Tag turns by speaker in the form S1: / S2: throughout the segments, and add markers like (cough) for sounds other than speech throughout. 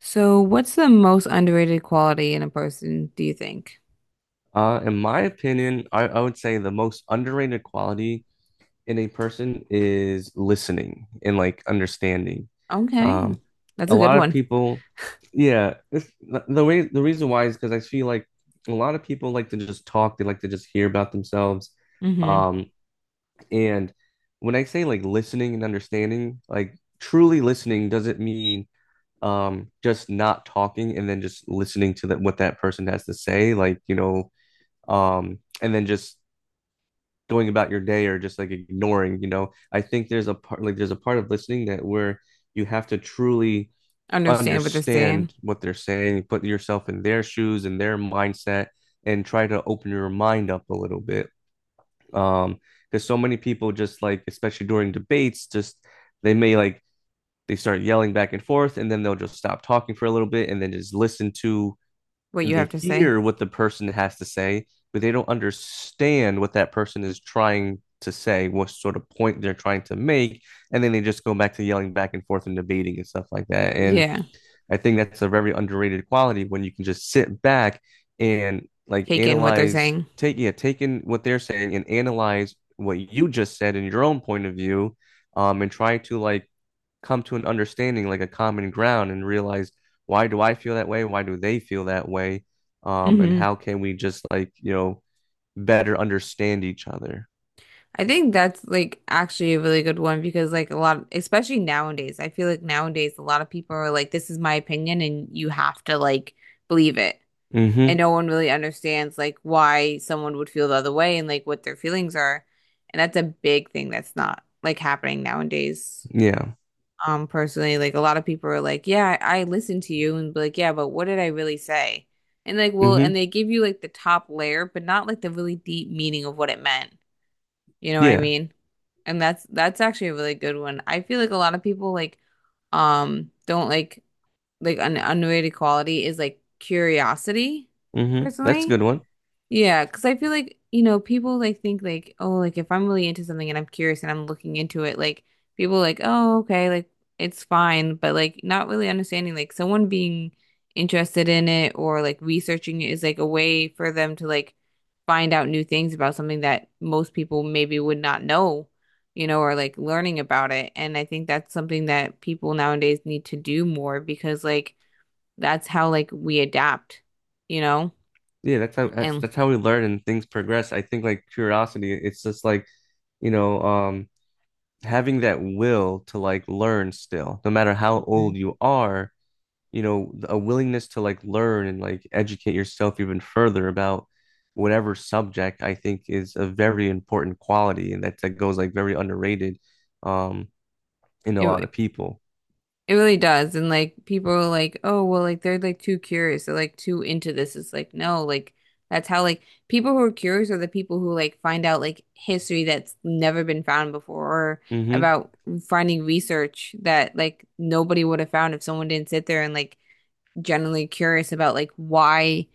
S1: So, what's the most underrated quality in a person, do you think?
S2: In my opinion, I would say the most underrated quality in a person is listening and like understanding.
S1: Okay,
S2: Um,
S1: that's
S2: a
S1: a good
S2: lot of
S1: one.
S2: people, yeah, the way the reason why is because I feel like a lot of people like to just talk, they like to just hear about themselves.
S1: Mm-hmm.
S2: Um, and when I say like listening and understanding, like truly listening doesn't mean just not talking and then just listening to that what that person has to say, and then just going about your day or just like ignoring. I think there's a part like there's a part of listening that where you have to truly
S1: Understand what they're saying,
S2: understand what they're saying, put yourself in their shoes and their mindset and try to open your mind up a little bit. um because so many people just like, especially during debates, just they may like they start yelling back and forth and then they'll just stop talking for a little bit and then just listen, to
S1: what
S2: and
S1: you
S2: they
S1: have to say.
S2: hear what the person has to say, but they don't understand what that person is trying to say, what sort of point they're trying to make, and then they just go back to yelling back and forth and debating and stuff like that. And
S1: Yeah,
S2: I think that's a very underrated quality when you can just sit back and like
S1: take in what they're
S2: analyze,
S1: saying.
S2: take, yeah, taking what they're saying and analyze what you just said in your own point of view, and try to like come to an understanding, like a common ground, and realize, why do I feel that way? Why do they feel that way? And
S1: Mm-hmm.
S2: how can we just like, you know, better understand each other?
S1: I think that's like actually a really good one because, like, a lot, especially nowadays, I feel like nowadays a lot of people are like, this is my opinion, and you have to like believe it. And
S2: Mm-hmm.
S1: no one really understands like why someone would feel the other way and like what their feelings are. And that's a big thing that's not like happening nowadays.
S2: Yeah.
S1: Personally, like a lot of people are like yeah I listened to you and be like yeah but what did I really say, and like well
S2: Mm-hmm.
S1: and they give you like the top layer but not like the really deep meaning of what it meant, you know what I
S2: Yeah.
S1: mean, and that's actually a really good one. I feel like a lot of people like don't like an underrated quality is like curiosity
S2: Mm-hmm. That's a
S1: personally.
S2: good one.
S1: Yeah, because I feel like, you know, people like think like, oh, like if I'm really into something and I'm curious and I'm looking into it, like people like, oh, okay, like it's fine, but like not really understanding like someone being interested in it or like researching it is like a way for them to like find out new things about something that most people maybe would not know, you know, or like learning about it. And I think that's something that people nowadays need to do more because like that's how like we adapt, you know,
S2: Yeah, that's how,
S1: and
S2: that's how we learn and things progress. I think like curiosity, it's just like, you know, having that will to like learn still, no matter how
S1: Mhm.
S2: old you are, you know, a willingness to like learn and like educate yourself even further about whatever subject, I think is a very important quality, and that goes like very underrated um in a lot
S1: It,
S2: of people.
S1: It really does. And like people are like, oh, well, like they're like too curious. They're like too into this. It's like, no, like that's how like people who are curious are the people who like find out like history that's never been found before, or
S2: Hmm.
S1: about finding research that like nobody would have found if someone didn't sit there and like generally curious about like why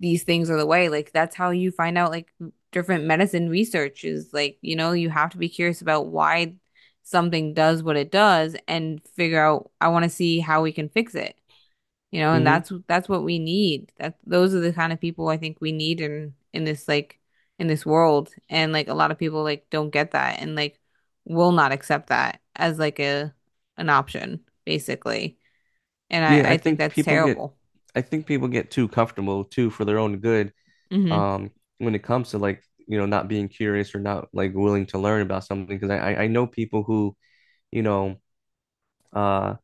S1: these things are the way. Like that's how you find out like different medicine research is like, you know, you have to be curious about why something does what it does and figure out I want to see how we can fix it. You know, and
S2: Hmm.
S1: that's what we need. That those are the kind of people I think we need in this like in this world. And like a lot of people like don't get that and like will not accept that as like a an option, basically. And
S2: Yeah,
S1: I I think that's terrible.
S2: I think people get too comfortable too for their own good,
S1: Mm-hmm.
S2: um when it comes to like, you know, not being curious or not like willing to learn about something. Because I know people who, you know, uh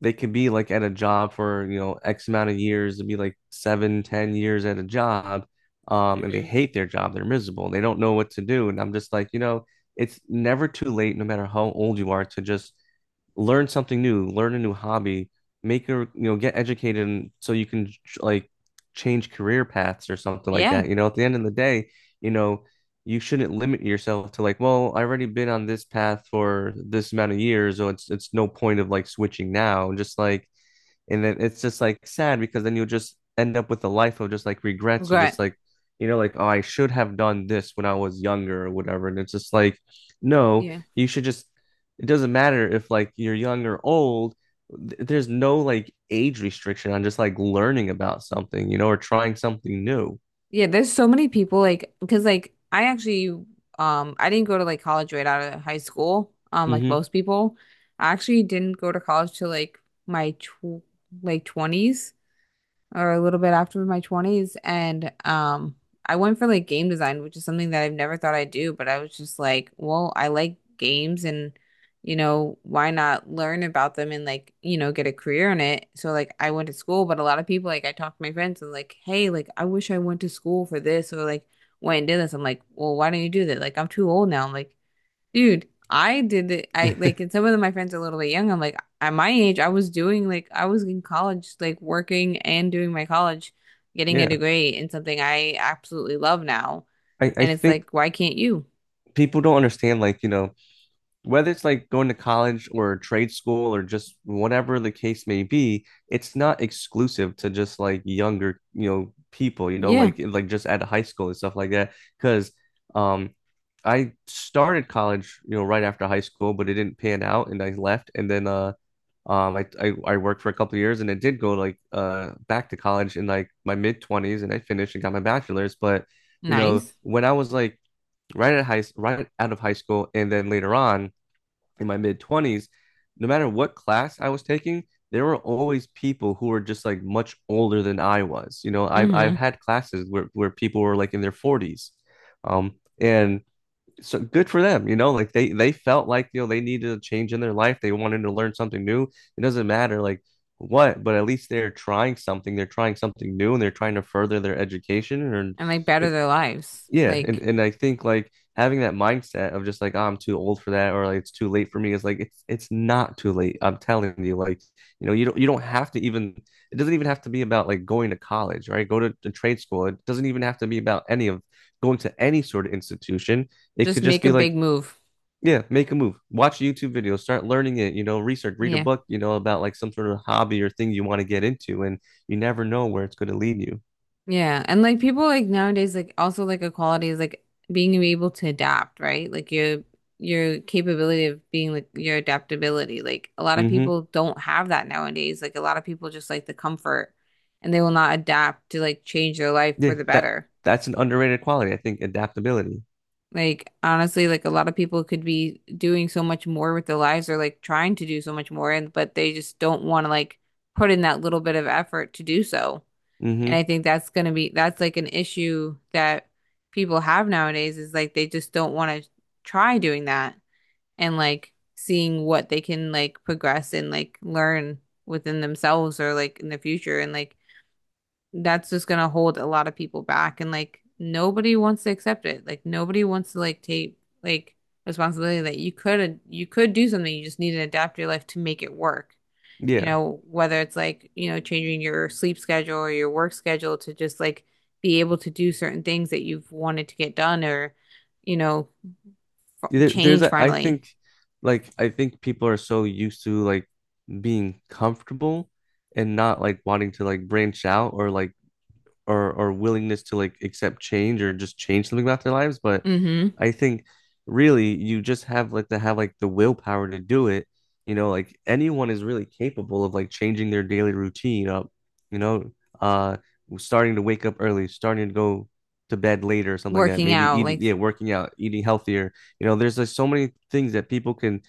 S2: they could be like at a job for, you know, X amount of years, it'd be like seven, 10 years at a job, and they
S1: Mm-hmm.
S2: hate their job, they're miserable, they don't know what to do. And I'm just like, you know, it's never too late, no matter how old you are, to just learn something new, learn a new hobby, make a, you know, get educated, and so you can like change career paths or something like
S1: Yeah.
S2: that. You know, at the end of the day, you know, you shouldn't limit yourself to like, well, I've already been on this path for this amount of years, so it's no point of like switching now. Just like, and then it's just like sad because then you'll just end up with a life of just like regrets or just
S1: Regret.
S2: like, you know, like, oh, I should have done this when I was younger or whatever. And it's just like, no,
S1: Yeah.
S2: you should just, it doesn't matter if like you're young or old. There's no like age restriction on just like learning about something, you know, or trying something new.
S1: Yeah, there's so many people like because like I actually I didn't go to like college right out of high school like
S2: Hmm.
S1: most people. I actually didn't go to college till like my tw like 20s or a little bit after my 20s, and I went for like game design, which is something that I've never thought I'd do, but I was just like, well, I like games and, you know, why not learn about them and like, you know, get a career in it. So like I went to school, but a lot of people like I talked to my friends and like, hey, like I wish I went to school for this or like went and did this. I'm like, well, why don't you do that? Like I'm too old now. I'm like, dude, I did it. I like,
S2: (laughs)
S1: and some of my friends are a little bit young. I'm like, at my age, I was doing like, I was in college, like working and doing my college, getting a
S2: Yeah.
S1: degree in something I absolutely love now.
S2: I
S1: And it's
S2: think
S1: like, why can't you?
S2: people don't understand like, you know, whether it's like going to college or trade school or just whatever the case may be, it's not exclusive to just like younger, you know, people, you know,
S1: Yeah,
S2: like just at high school and stuff like that. Because um I started college, you know, right after high school, but it didn't pan out and I left. And then I worked for a couple of years, and I did go like back to college in like my mid 20s, and I finished and got my bachelor's. But you know,
S1: nice.
S2: when I was like right out of high school and then later on in my mid 20s, no matter what class I was taking, there were always people who were just like much older than I was. You know, I've
S1: Mm-hmm.
S2: had classes where people were like in their 40s, and so good for them. You know, like they felt like, you know, they needed a change in their life. They wanted to learn something new. It doesn't matter like what, but at least they're trying something. They're trying something new, and they're trying to further their education. And
S1: And like, better
S2: it
S1: their lives.
S2: yeah,
S1: Like,
S2: and I think like having that mindset of just like, oh, I'm too old for that, or like it's too late for me, is like, it's not too late. I'm telling you, like, you know, you don't have to even, it doesn't even have to be about like going to college, right? Go to trade school. It doesn't even have to be about any of going to any sort of institution. It
S1: just
S2: could just
S1: make a
S2: be
S1: big
S2: like,
S1: move.
S2: yeah, make a move. Watch YouTube videos, start learning it, you know, research, read a
S1: Yeah.
S2: book, you know, about like some sort of hobby or thing you want to get into, and you never know where it's going to lead you.
S1: Yeah, and like people like nowadays like also like a quality is like being able to adapt, right? Like your capability of being like your adaptability. Like a lot of
S2: Hmm.
S1: people don't have that nowadays. Like a lot of people just like the comfort and they will not adapt to like change their life for
S2: Yeah,
S1: the better.
S2: that's an underrated quality, I think, adaptability.
S1: Like honestly, like a lot of people could be doing so much more with their lives or like trying to do so much more, and but they just don't want to like put in that little bit of effort to do so. And
S2: Hmm.
S1: I think that's going to be, that's like an issue that people have nowadays is like they just don't want to try doing that and like seeing what they can like progress and like learn within themselves or like in the future. And like that's just going to hold a lot of people back. And like nobody wants to accept it. Like nobody wants to like take like responsibility that you could do something. You just need to adapt your life to make it work, you
S2: Yeah.
S1: know, whether it's like, you know, changing your sleep schedule or your work schedule to just like be able to do certain things that you've wanted to get done or, you know, f
S2: There's
S1: change
S2: a, I
S1: finally.
S2: think, like I think people are so used to like being comfortable and not like wanting to like branch out, or like or willingness to like accept change or just change something about their lives, but
S1: Hmm.
S2: I think really you just have like to have like the willpower to do it. You know, like anyone is really capable of like changing their daily routine up, you know. uh Starting to wake up early, starting to go to bed later or something like that,
S1: Working
S2: maybe
S1: out,
S2: eating,
S1: like,
S2: yeah, working out, eating healthier, you know, there's like so many things that people can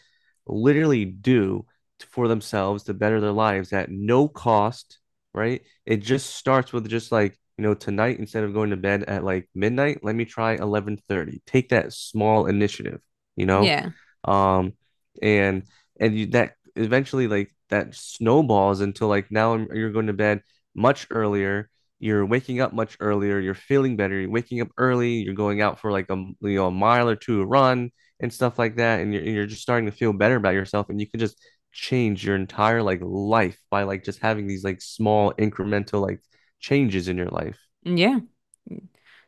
S2: literally do for themselves to better their lives at no cost, right? It just starts with just like, you know, tonight instead of going to bed at like midnight, let me try 11:30. Take that small initiative, you know?
S1: yeah,
S2: Um and you, that eventually like that snowballs until like now you're going to bed much earlier, you're waking up much earlier, you're feeling better, you're waking up early, you're going out for like a, you know, a mile or two run and stuff like that, and you're just starting to feel better about yourself, and you can just change your entire like life by like just having these like small incremental like changes in your life.
S1: yeah.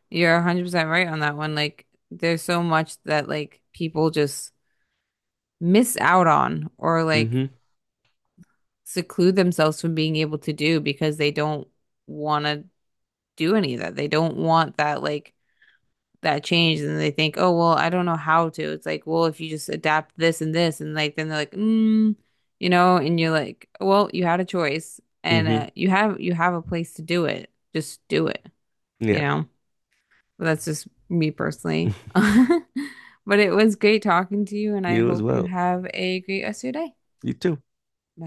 S1: You're 100% right on that one. Like, there's so much that like people just miss out on or like
S2: Mm-hmm.
S1: seclude themselves from being able to do because they don't want to do any of that. They don't want that like that change and they think, oh, well, I don't know how to. It's like, well, if you just adapt this and this, and like, then they're like, mm, you know, and you're like, well, you had a choice and
S2: Mm-hmm.
S1: you have a place to do it. Just do it, you
S2: Yeah.
S1: know. But that's just me personally.
S2: (laughs)
S1: (laughs) But it was great talking to you, and I
S2: You as
S1: hope you
S2: well.
S1: have a great rest of your day.
S2: You too.
S1: Bye.